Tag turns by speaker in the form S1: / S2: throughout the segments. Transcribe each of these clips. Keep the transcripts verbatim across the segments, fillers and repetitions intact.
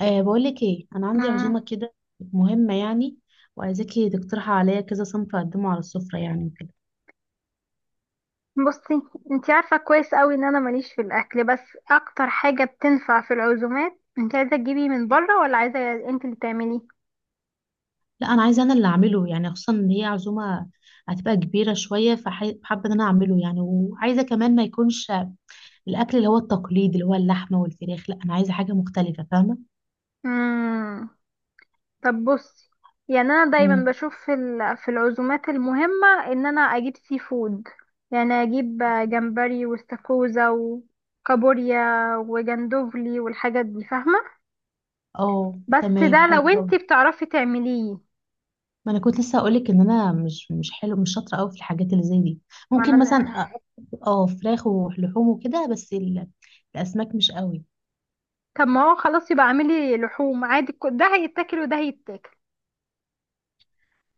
S1: أه بقولك ايه، انا عندي
S2: مم.
S1: عزومه كده مهمه يعني، وعايزاكي تقترحي عليا كذا صنف اقدمه على السفره يعني وكده.
S2: بصي، انتي عارفة كويس قوي ان انا ماليش في الاكل، بس اكتر حاجة بتنفع في العزومات، انتي عايزة تجيبي من بره ولا عايزة انتي اللي تعمليه؟
S1: لا، انا عايزه انا اللي اعمله يعني، خصوصا ان هي عزومه هتبقى كبيره شويه، فحابه ان انا اعمله يعني، وعايزه كمان ما يكونش الاكل اللي هو التقليد، اللي هو اللحمه والفراخ. لا، انا عايزه حاجه مختلفه، فاهمه.
S2: مم. طب بصي، يعني انا دايما
S1: مم.
S2: بشوف في ال- في العزومات المهمة ان انا اجيب سي فود. يعني اجيب جمبري واستاكوزا وكابوريا وجندوفلي والحاجات دي، فاهمة؟
S1: اه،
S2: بس
S1: تمام،
S2: ده لو
S1: حلو قوي.
S2: انتي بتعرفي تعمليه.
S1: ما انا كنت لسه هقولك ان انا مش مش حلو، مش شاطره قوي في الحاجات اللي زي دي. ممكن
S2: معنى.
S1: مثلا أ- اه فراخ ولحوم وكده، بس ال- الاسماك مش قوي.
S2: طب ما هو خلاص يبقى اعملي لحوم عادي، ك- ده هيتاكل وده هيتاكل.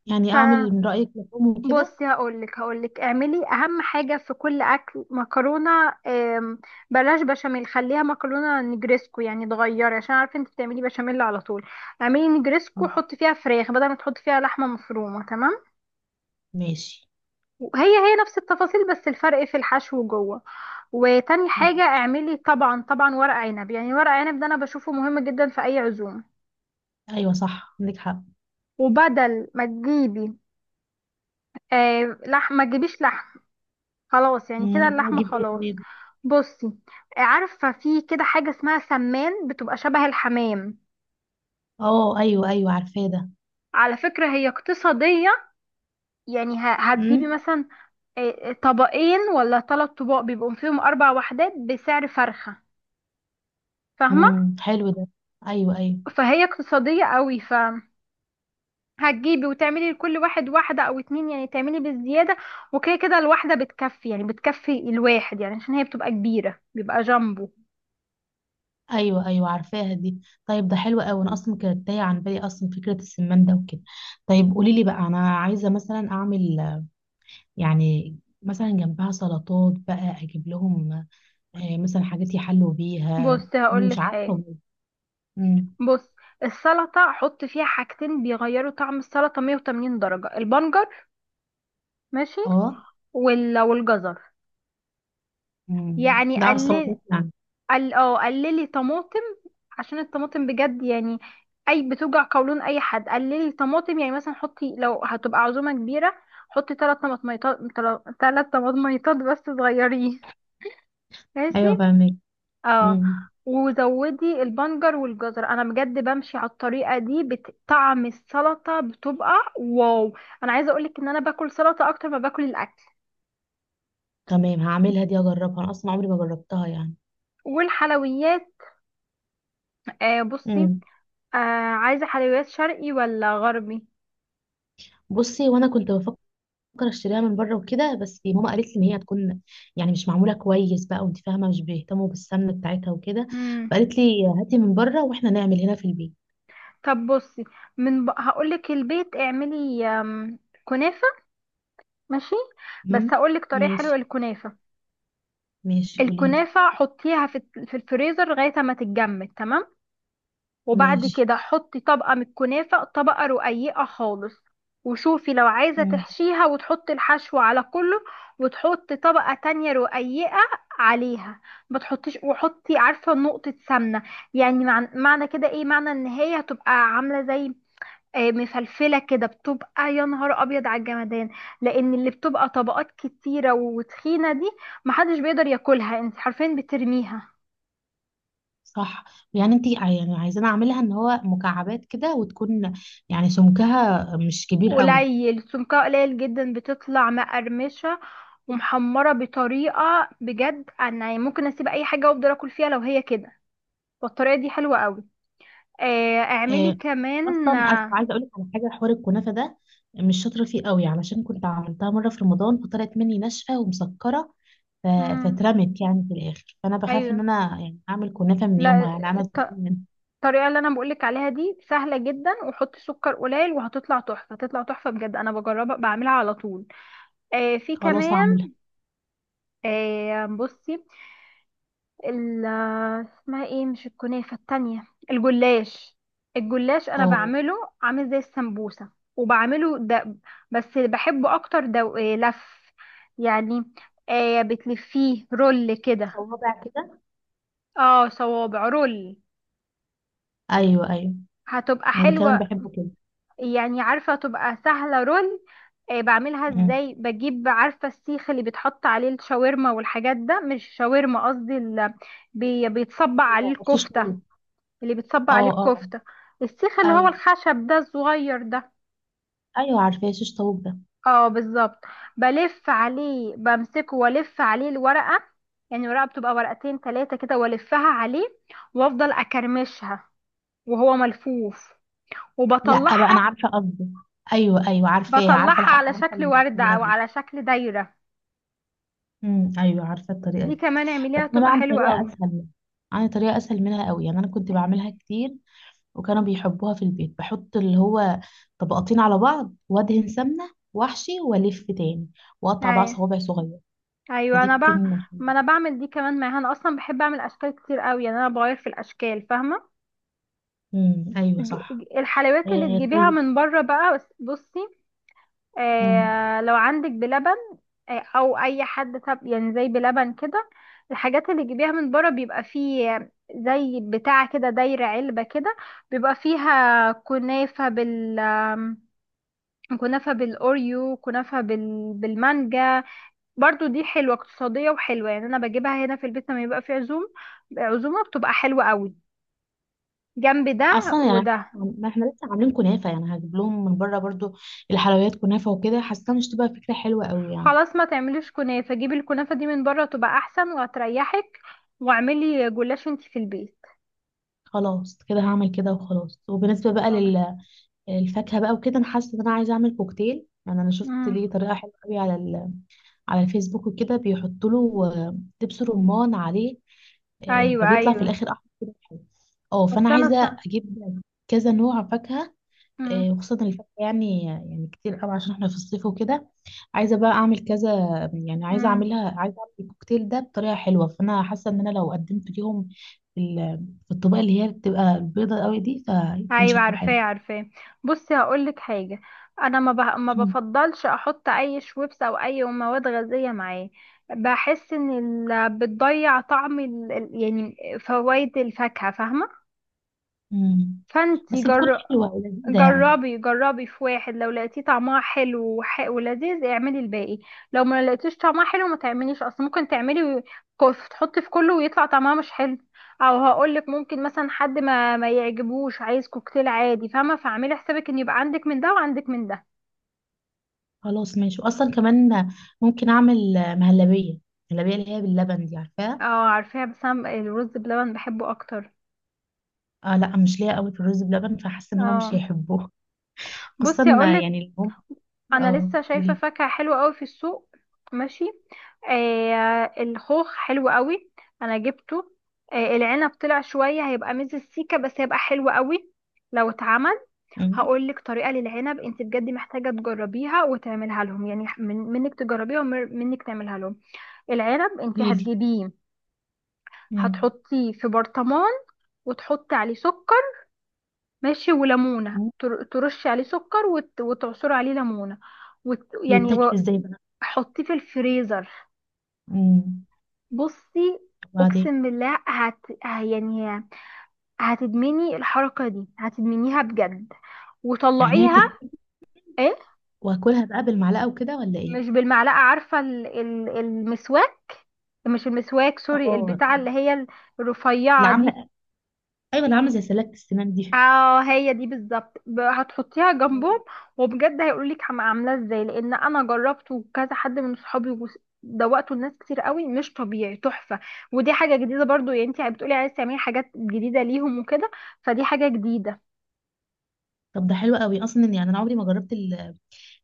S1: يعني اعمل من رأيك لحوم وكده.
S2: فبصي هقولك هقولك اعملي اهم حاجة في كل اكل مكرونة. آم، بلاش بشاميل، خليها مكرونة نجريسكو، يعني تغيري عشان عارفة انت بتعملي بشاميل على طول. اعملي نجريسكو، حطي فيها فراخ بدل ما تحطي فيها لحمة مفرومة، تمام؟
S1: ماشي،
S2: وهي هي نفس التفاصيل بس الفرق في الحشو جوه. وتاني حاجة
S1: ماشي.
S2: اعملي طبعا طبعا ورق عنب، يعني ورق عنب ده انا بشوفه مهم جدا في اي عزومة.
S1: ايوه، صح، عندك حق.
S2: وبدل ما تجيبي آه لحم، ما تجيبيش لحم، خلاص، يعني
S1: مم،
S2: كده
S1: أنا
S2: اللحمة
S1: اجيب ايه
S2: خلاص.
S1: طيب؟
S2: بصي، آه، عارفة في كده حاجة اسمها سمان، بتبقى شبه الحمام.
S1: اه، ايوه، ايوه، عارفاه ده.
S2: على فكرة هي اقتصادية، يعني ه- هتجيبي
S1: امم
S2: مثلا آه، آه، طبقين ولا ثلاث طباق، بيبقوا فيهم أربع وحدات بسعر فرخة، فاهمة؟
S1: امم حلو ده. ايوه، ايوه.
S2: فهي اقتصادية قوي، ف هتجيبي وتعملي لكل واحد واحدة أو اتنين، يعني تعملي بالزيادة، وكده كده الواحدة بتكفي، يعني بتكفي الواحد، يعني عشان هي بتبقى كبيرة، بيبقى جامبو.
S1: ايوه، ايوه، عارفاها دي. طيب، ده حلو قوي، انا اصلا كانت تايه عن بالي اصلا فكره السمان ده وكده. طيب قولي لي بقى، انا عايزه مثلا اعمل يعني، مثلا جنبها سلطات بقى، اجيب لهم آه، مثلا حاجات يحلوا بيها.
S2: بصي
S1: مش
S2: هقولك
S1: عارفه
S2: حاجة.
S1: والله. امم.
S2: بص، السلطة حط فيها حاجتين بيغيروا طعم السلطة مية وتمانين درجة، البنجر، ماشي،
S1: اه.
S2: وال- والجزر.
S1: امم
S2: يعني
S1: ده على
S2: قلل
S1: السلطات يعني.
S2: قل اه قللي طماطم، عشان الطماطم بجد يعني اي بتوجع قولون اي حد. قللي طماطم يعني، مثلا حطي لو هتبقى عزومة كبيرة حطي ثلاث طماطميطات، ثلاث طماطميطات بس صغيرين، ماشي؟
S1: ايوه، فاهمك.
S2: اه،
S1: امم.
S2: وزودي البنجر والجزر، انا بجد بمشي على الطريقه دي، بت- طعم السلطه بتبقى واو. انا عايزه اقولك ان انا باكل سلطه اكتر ما باكل الاكل.
S1: تمام، هعملها دي اجربها، انا اصلا عمري ما جربتها يعني.
S2: والحلويات، آه بصي،
S1: امم.
S2: آه عايزه حلويات شرقي ولا غربي؟
S1: بصي، وانا كنت بفكر اشتريها من بره وكده، بس ماما قالت لي ان هي هتكون يعني مش معموله كويس بقى، وانت فاهمه مش بيهتموا بالسمنه بتاعتها وكده.
S2: مم.
S1: فقالت لي هاتي من بره واحنا نعمل هنا في البيت.
S2: طب بصي، من ب... هقولك، البيت اعملي آم، كنافه، ماشي؟ بس
S1: امم.
S2: هقولك طريقه حلوه
S1: ماشي.
S2: للكنافه.
S1: ماشي، قولي لي.
S2: الكنافه حطيها في الت- في الفريزر لغايه ما تتجمد، تمام. وبعد
S1: ماشي.
S2: كده حطي طبقة من الكنافة، طبقة رقيقة خالص. وشوفي لو عايزة
S1: امم.
S2: تحشيها وتحطي الحشو على كله، وتحطي طبقة تانية رقيقة عليها. ما تحطيش وحطي، عارفة، نقطة سمنة. يعني مع- معنى كده ايه؟ معنى ان هي هتبقى عاملة زي آه، مفلفلة كده، بتبقى يا نهار ابيض على الجمدان، لان اللي بتبقى طبقات كتيرة وتخينة دي، محدش بيقدر ياكلها، انت حرفيا بترميها.
S1: صح. يعني انت يعني عايزانا اعملها ان هو مكعبات كده، وتكون يعني سمكها مش كبير قوي.
S2: قليل، سمكها قليل جدا، بتطلع مقرمشة ومحمرة بطريقة بجد، انا يعني ممكن اسيب اي حاجة وافضل اكل فيها لو هي كده. والطريقة دي حلوة قوي. آه، اعملي
S1: آه،
S2: كمان
S1: اصلا أصل
S2: آه،
S1: عايزه اقول لك على حاجه، حوار الكنافه ده مش شاطره فيه قوي، علشان كنت عملتها مره في رمضان فطلعت مني ناشفه ومسكره. ف-
S2: مم،
S1: فاترمت يعني في الاخر، فانا بخاف ان
S2: ايوه.
S1: انا يعني اعمل كنافه من يومها،
S2: لا،
S1: يعني انا أترمم
S2: الط-
S1: منها.
S2: الطريقة اللي انا بقولك عليها دي سهلة جدا، وحطي سكر قليل وهتطلع تحفة، تطلع تحفة بجد، انا بجربها بعملها على طول. آه، في
S1: خلاص،
S2: كمان
S1: هعملها.
S2: آه، بصي، ال اسمها ايه؟ مش الكنافة التانية، الجلاش. الجلاش انا
S1: اه،
S2: بعمله عامل زي السمبوسة، وبعمله ده، بس بحبه اكتر، ده إيه، لف يعني، آه بتلفيه رول كده.
S1: صوابع كده.
S2: اه، صوابع رول،
S1: ايوه، ايوه،
S2: هتبقى
S1: انا كمان
S2: حلوة.
S1: بحبه كده.
S2: يعني عارفة تبقى سهلة، رول. آه بعملها
S1: أمم.
S2: ازاي؟ بجيب، عارفة، السيخ اللي بيتحط عليه الشاورما والحاجات، ده مش شاورما، قصدي ال- بي- بيتصبع عليه
S1: شيش
S2: الكفتة،
S1: طاووق.
S2: اللي بتصب
S1: اه،
S2: عليه
S1: اه.
S2: الكفتة، السيخ اللي هو
S1: ايوه،
S2: الخشب ده الصغير ده،
S1: ايوه، عارفاه شيش طاووق ده.
S2: اه بالظبط. بلف عليه، بمسكه والف عليه الورقة، يعني الورقة بتبقى ورقتين تلاتة كده، والفها عليه وافضل اكرمشها وهو ملفوف،
S1: لا بقى انا
S2: وبطلعها،
S1: عارفه قصدي. ايوه، ايوه، عارفاها، عارفه
S2: بطلعها
S1: الح-
S2: على
S1: عارفه
S2: شكل وردة
S1: الطريقه
S2: او
S1: دي.
S2: على شكل دايرة.
S1: امم، ايوه، عارفه الطريقه
S2: دي
S1: دي.
S2: كمان
S1: بس
S2: اعمليها
S1: انا بقى
S2: تبقى
S1: عن
S2: حلوة
S1: طريقه
S2: قوي.
S1: اسهل، عن طريقه اسهل منها قوي، يعني انا كنت بعملها كتير وكانوا بيحبوها في البيت، بحط اللي هو طبقتين على بعض، وادهن سمنه، واحشي، والف تاني، واقطع بقى
S2: ايوه،
S1: صوابع صغير.
S2: ايوه،
S1: فدي
S2: انا بقى
S1: بتكون حلوه.
S2: ما انا بعمل دي كمان معاها، انا اصلا بحب اعمل اشكال كتير قوي، يعني انا بغير في الاشكال، فاهمة؟
S1: امم، ايوه،
S2: ج-
S1: صح.
S2: ج- الحلويات اللي
S1: إيه؟
S2: تجيبيها
S1: طيب.
S2: من بره بقى، بس- بصي،
S1: امم.
S2: آه لو عندك بلبن آه او اي حد، طب يعني زي بلبن كده، الحاجات اللي تجيبيها من بره بيبقى فيه زي بتاع كده، دايرة علبة كده، بيبقى فيها كنافة بال آم، كنافة بالأوريو، كنافة بال... بالمانجا. برضو دي حلوة اقتصادية وحلوة، يعني أنا بجيبها هنا في البيت لما يبقى في عزوم عزومة، بتبقى حلوة قوي جنب ده
S1: اصلا يعني
S2: وده.
S1: ما احنا لسه عاملين كنافه، يعني هجيب لهم من بره برضو الحلويات كنافه وكده، حاسه مش تبقى فكره حلوه قوي يعني.
S2: خلاص، ما تعمليش كنافة، جيبي الكنافة دي من بره، تبقى احسن وهتريحك، واعملي جلاش انتي في البيت.
S1: خلاص، كده هعمل كده وخلاص. وبالنسبه بقى
S2: آه.
S1: لل الفاكهه بقى وكده، انا حاسه ان انا عايزه اعمل كوكتيل، يعني انا شفت ليه
S2: امم،
S1: طريقه حلوه قوي على ال... على الفيسبوك وكده، بيحطوا له آه، دبس رمان عليه، آه،
S2: ايوه،
S1: فبيطلع في
S2: ايوه،
S1: الاخر احمر كده حلو. اه، فانا
S2: بس انا ص...
S1: عايزه اجيب كذا نوع فاكهه، آه،
S2: امم.
S1: وخصوصا الفاكهه يعني، يعني كتير قوي عشان احنا في الصيف وكده. عايزه بقى اعمل كذا، يعني عايزه
S2: امم،
S1: اعملها، عايزه اعمل الكوكتيل ده بطريقه حلوه، فانا حاسه ان انا لو قدمت ليهم في ال- في الطبقه اللي هي بتبقى البيضه قوي دي، فيكون
S2: ايوه،
S1: شكله حلو.
S2: عارفاه، عارفاه. بصي هقولك حاجة. انا ما ب... ما بفضلش احط اي شويبس او اي مواد غازية معاه، بحس ان ال... بتضيع طعم ال... ال- يعني فوائد الفاكهة، فاهمة؟
S1: مم.
S2: فانتي
S1: بس بتكون
S2: جر...
S1: حلوة ولذيذة يعني.
S2: جربي جربي في واحد، لو لقيتيه طعمها حلو وح- ولذيذ، اعملي الباقي. لو ما لقيتيش طعمها حلو ما تعمليش، اصل ممكن تعملي و- كف- تحطي في كله ويطلع طعمها مش حلو. او هقولك ممكن مثلا حد ما ما يعجبوش، عايز كوكتيل عادي، فاهمه؟ فاعملي حسابك ان يبقى عندك من ده وعندك من ده.
S1: خلاص، ماشي. وأصلا كمان ممكن أعمل مهلبية، مهلبية اللي هي باللبن دي، عارفاها؟
S2: اه عارفاها. بس انا الرز بلبن بحبه اكتر.
S1: اه لا، مش ليا قوي في الرز بلبن، فحاسة إن هما مش
S2: اه
S1: هيحبوه، خصوصا
S2: بصي اقولك،
S1: يعني اللي هم.
S2: انا
S1: اه،
S2: لسه شايفه
S1: قولي.
S2: فاكهه حلوه قوي في السوق، ماشي. آه الخوخ حلو قوي، انا جبته. آه العنب طلع شويه هيبقى ميز السيكه، بس هيبقى حلو قوي لو اتعمل.
S1: مم.
S2: هقول لك طريقه للعنب، انت بجد محتاجه تجربيها وتعملها لهم، يعني من منك تجربيها ومنك تعملها لهم. العنب انت
S1: قوليلي.
S2: هتجيبيه،
S1: مم.
S2: هتحطيه في برطمان وتحطي عليه سكر، ماشي، وليمونه،
S1: مم.
S2: تر- ترشي عليه سكر وت- وتعصري عليه ليمونه، وت... يعني،
S1: بيتاكل
S2: و-
S1: ازاي بقى؟
S2: حطيه في الفريزر.
S1: مم.
S2: بصي،
S1: وبعدين.
S2: اقسم بالله هت... ه- يعني هتدمني الحركه دي، هتدمنيها بجد.
S1: يعني هي
S2: وطلعيها.
S1: تت...
S2: ايه؟
S1: واكلها بقى بالمعلقة وكده ولا ايه؟
S2: مش بالمعلقه، عارفه ال... ال... المسواك، مش المسواك، سوري،
S1: اه،
S2: البتاعه اللي هي
S1: اللي
S2: الرفيعه دي،
S1: عاملة، ايوه، اللي عاملة زي سلة السنان دي.
S2: اه هي دي بالظبط. ب- هتحطيها
S1: مم.
S2: جنبهم. وبجد هيقولولك عم- عاملاه ازاي، لان انا جربته وكذا حد من صحابي وس- دوقته لناس كتير قوي، مش طبيعي، تحفه. ودي حاجه جديده برضو، يعني انت بتقولي عايزه تعملي حاجات جديده ليهم وكده، فدي حاجه جديده.
S1: طب ده حلو قوي، اصلا يعني انا عمري ما جربت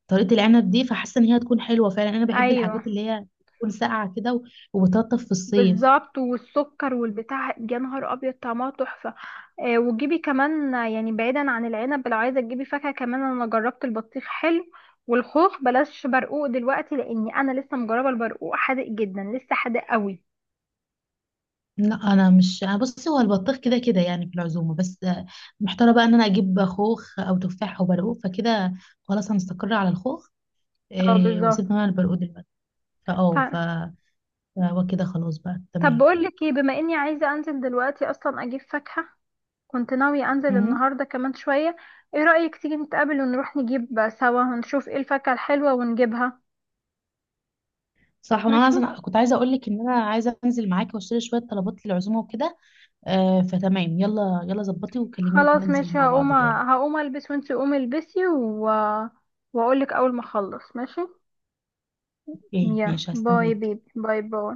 S1: طريقة العنب دي، فحاسة ان هي هتكون حلوة فعلا، انا بحب
S2: ايوه
S1: الحاجات اللي هي تكون ساقعة كده و- وبتلطف في الصيف.
S2: بالظبط، والسكر والبتاع يا نهار ابيض، طعمها تحفه. آه، وتجيبي كمان آه، يعني بعيدا عن العنب، لو عايزه تجيبي فاكهه كمان، انا جربت البطيخ حلو، والخوخ بلاش برقوق دلوقتي لاني انا لسه مجربه البرقوق حادق جدا، لسه حادق قوي.
S1: لا، انا مش، انا بصي هو البطيخ كده كده يعني في العزومة، بس آه، محتاره بقى ان انا اجيب خوخ او تفاح او برقوق فكده. خلاص، هنستقر على الخوخ.
S2: اه
S1: إيه،
S2: بالظبط.
S1: وسيبنا بقى البرقوق دلوقتي. فاه ف
S2: ط-
S1: فهو كده خلاص بقى
S2: طب
S1: تمام.
S2: بقول لك ايه، بما اني عايزه انزل دلوقتي اصلا اجيب فاكهه، كنت ناويه انزل
S1: مم.
S2: النهارده كمان شويه. ايه رايك تيجي نتقابل ونروح نجيب سوا ونشوف ايه الفاكهه الحلوه ونجيبها؟
S1: صح، وانا
S2: ماشي.
S1: عايزه، كنت عايزه اقول لك ان انا عايزه انزل معاكي واشتري شويه طلبات للعزومه وكده. آه، فتمام، يلا يلا ظبطي وكلميني
S2: خلاص
S1: ننزل
S2: ماشي،
S1: مع بعض،
S2: هقوم
S1: يلا.
S2: هقوم البس وانتي قومي البسي و... واقول لك اول ما اخلص، ماشي؟
S1: ايه
S2: يا
S1: ماشي،
S2: باي
S1: هستناك.
S2: بيبي، باي باي.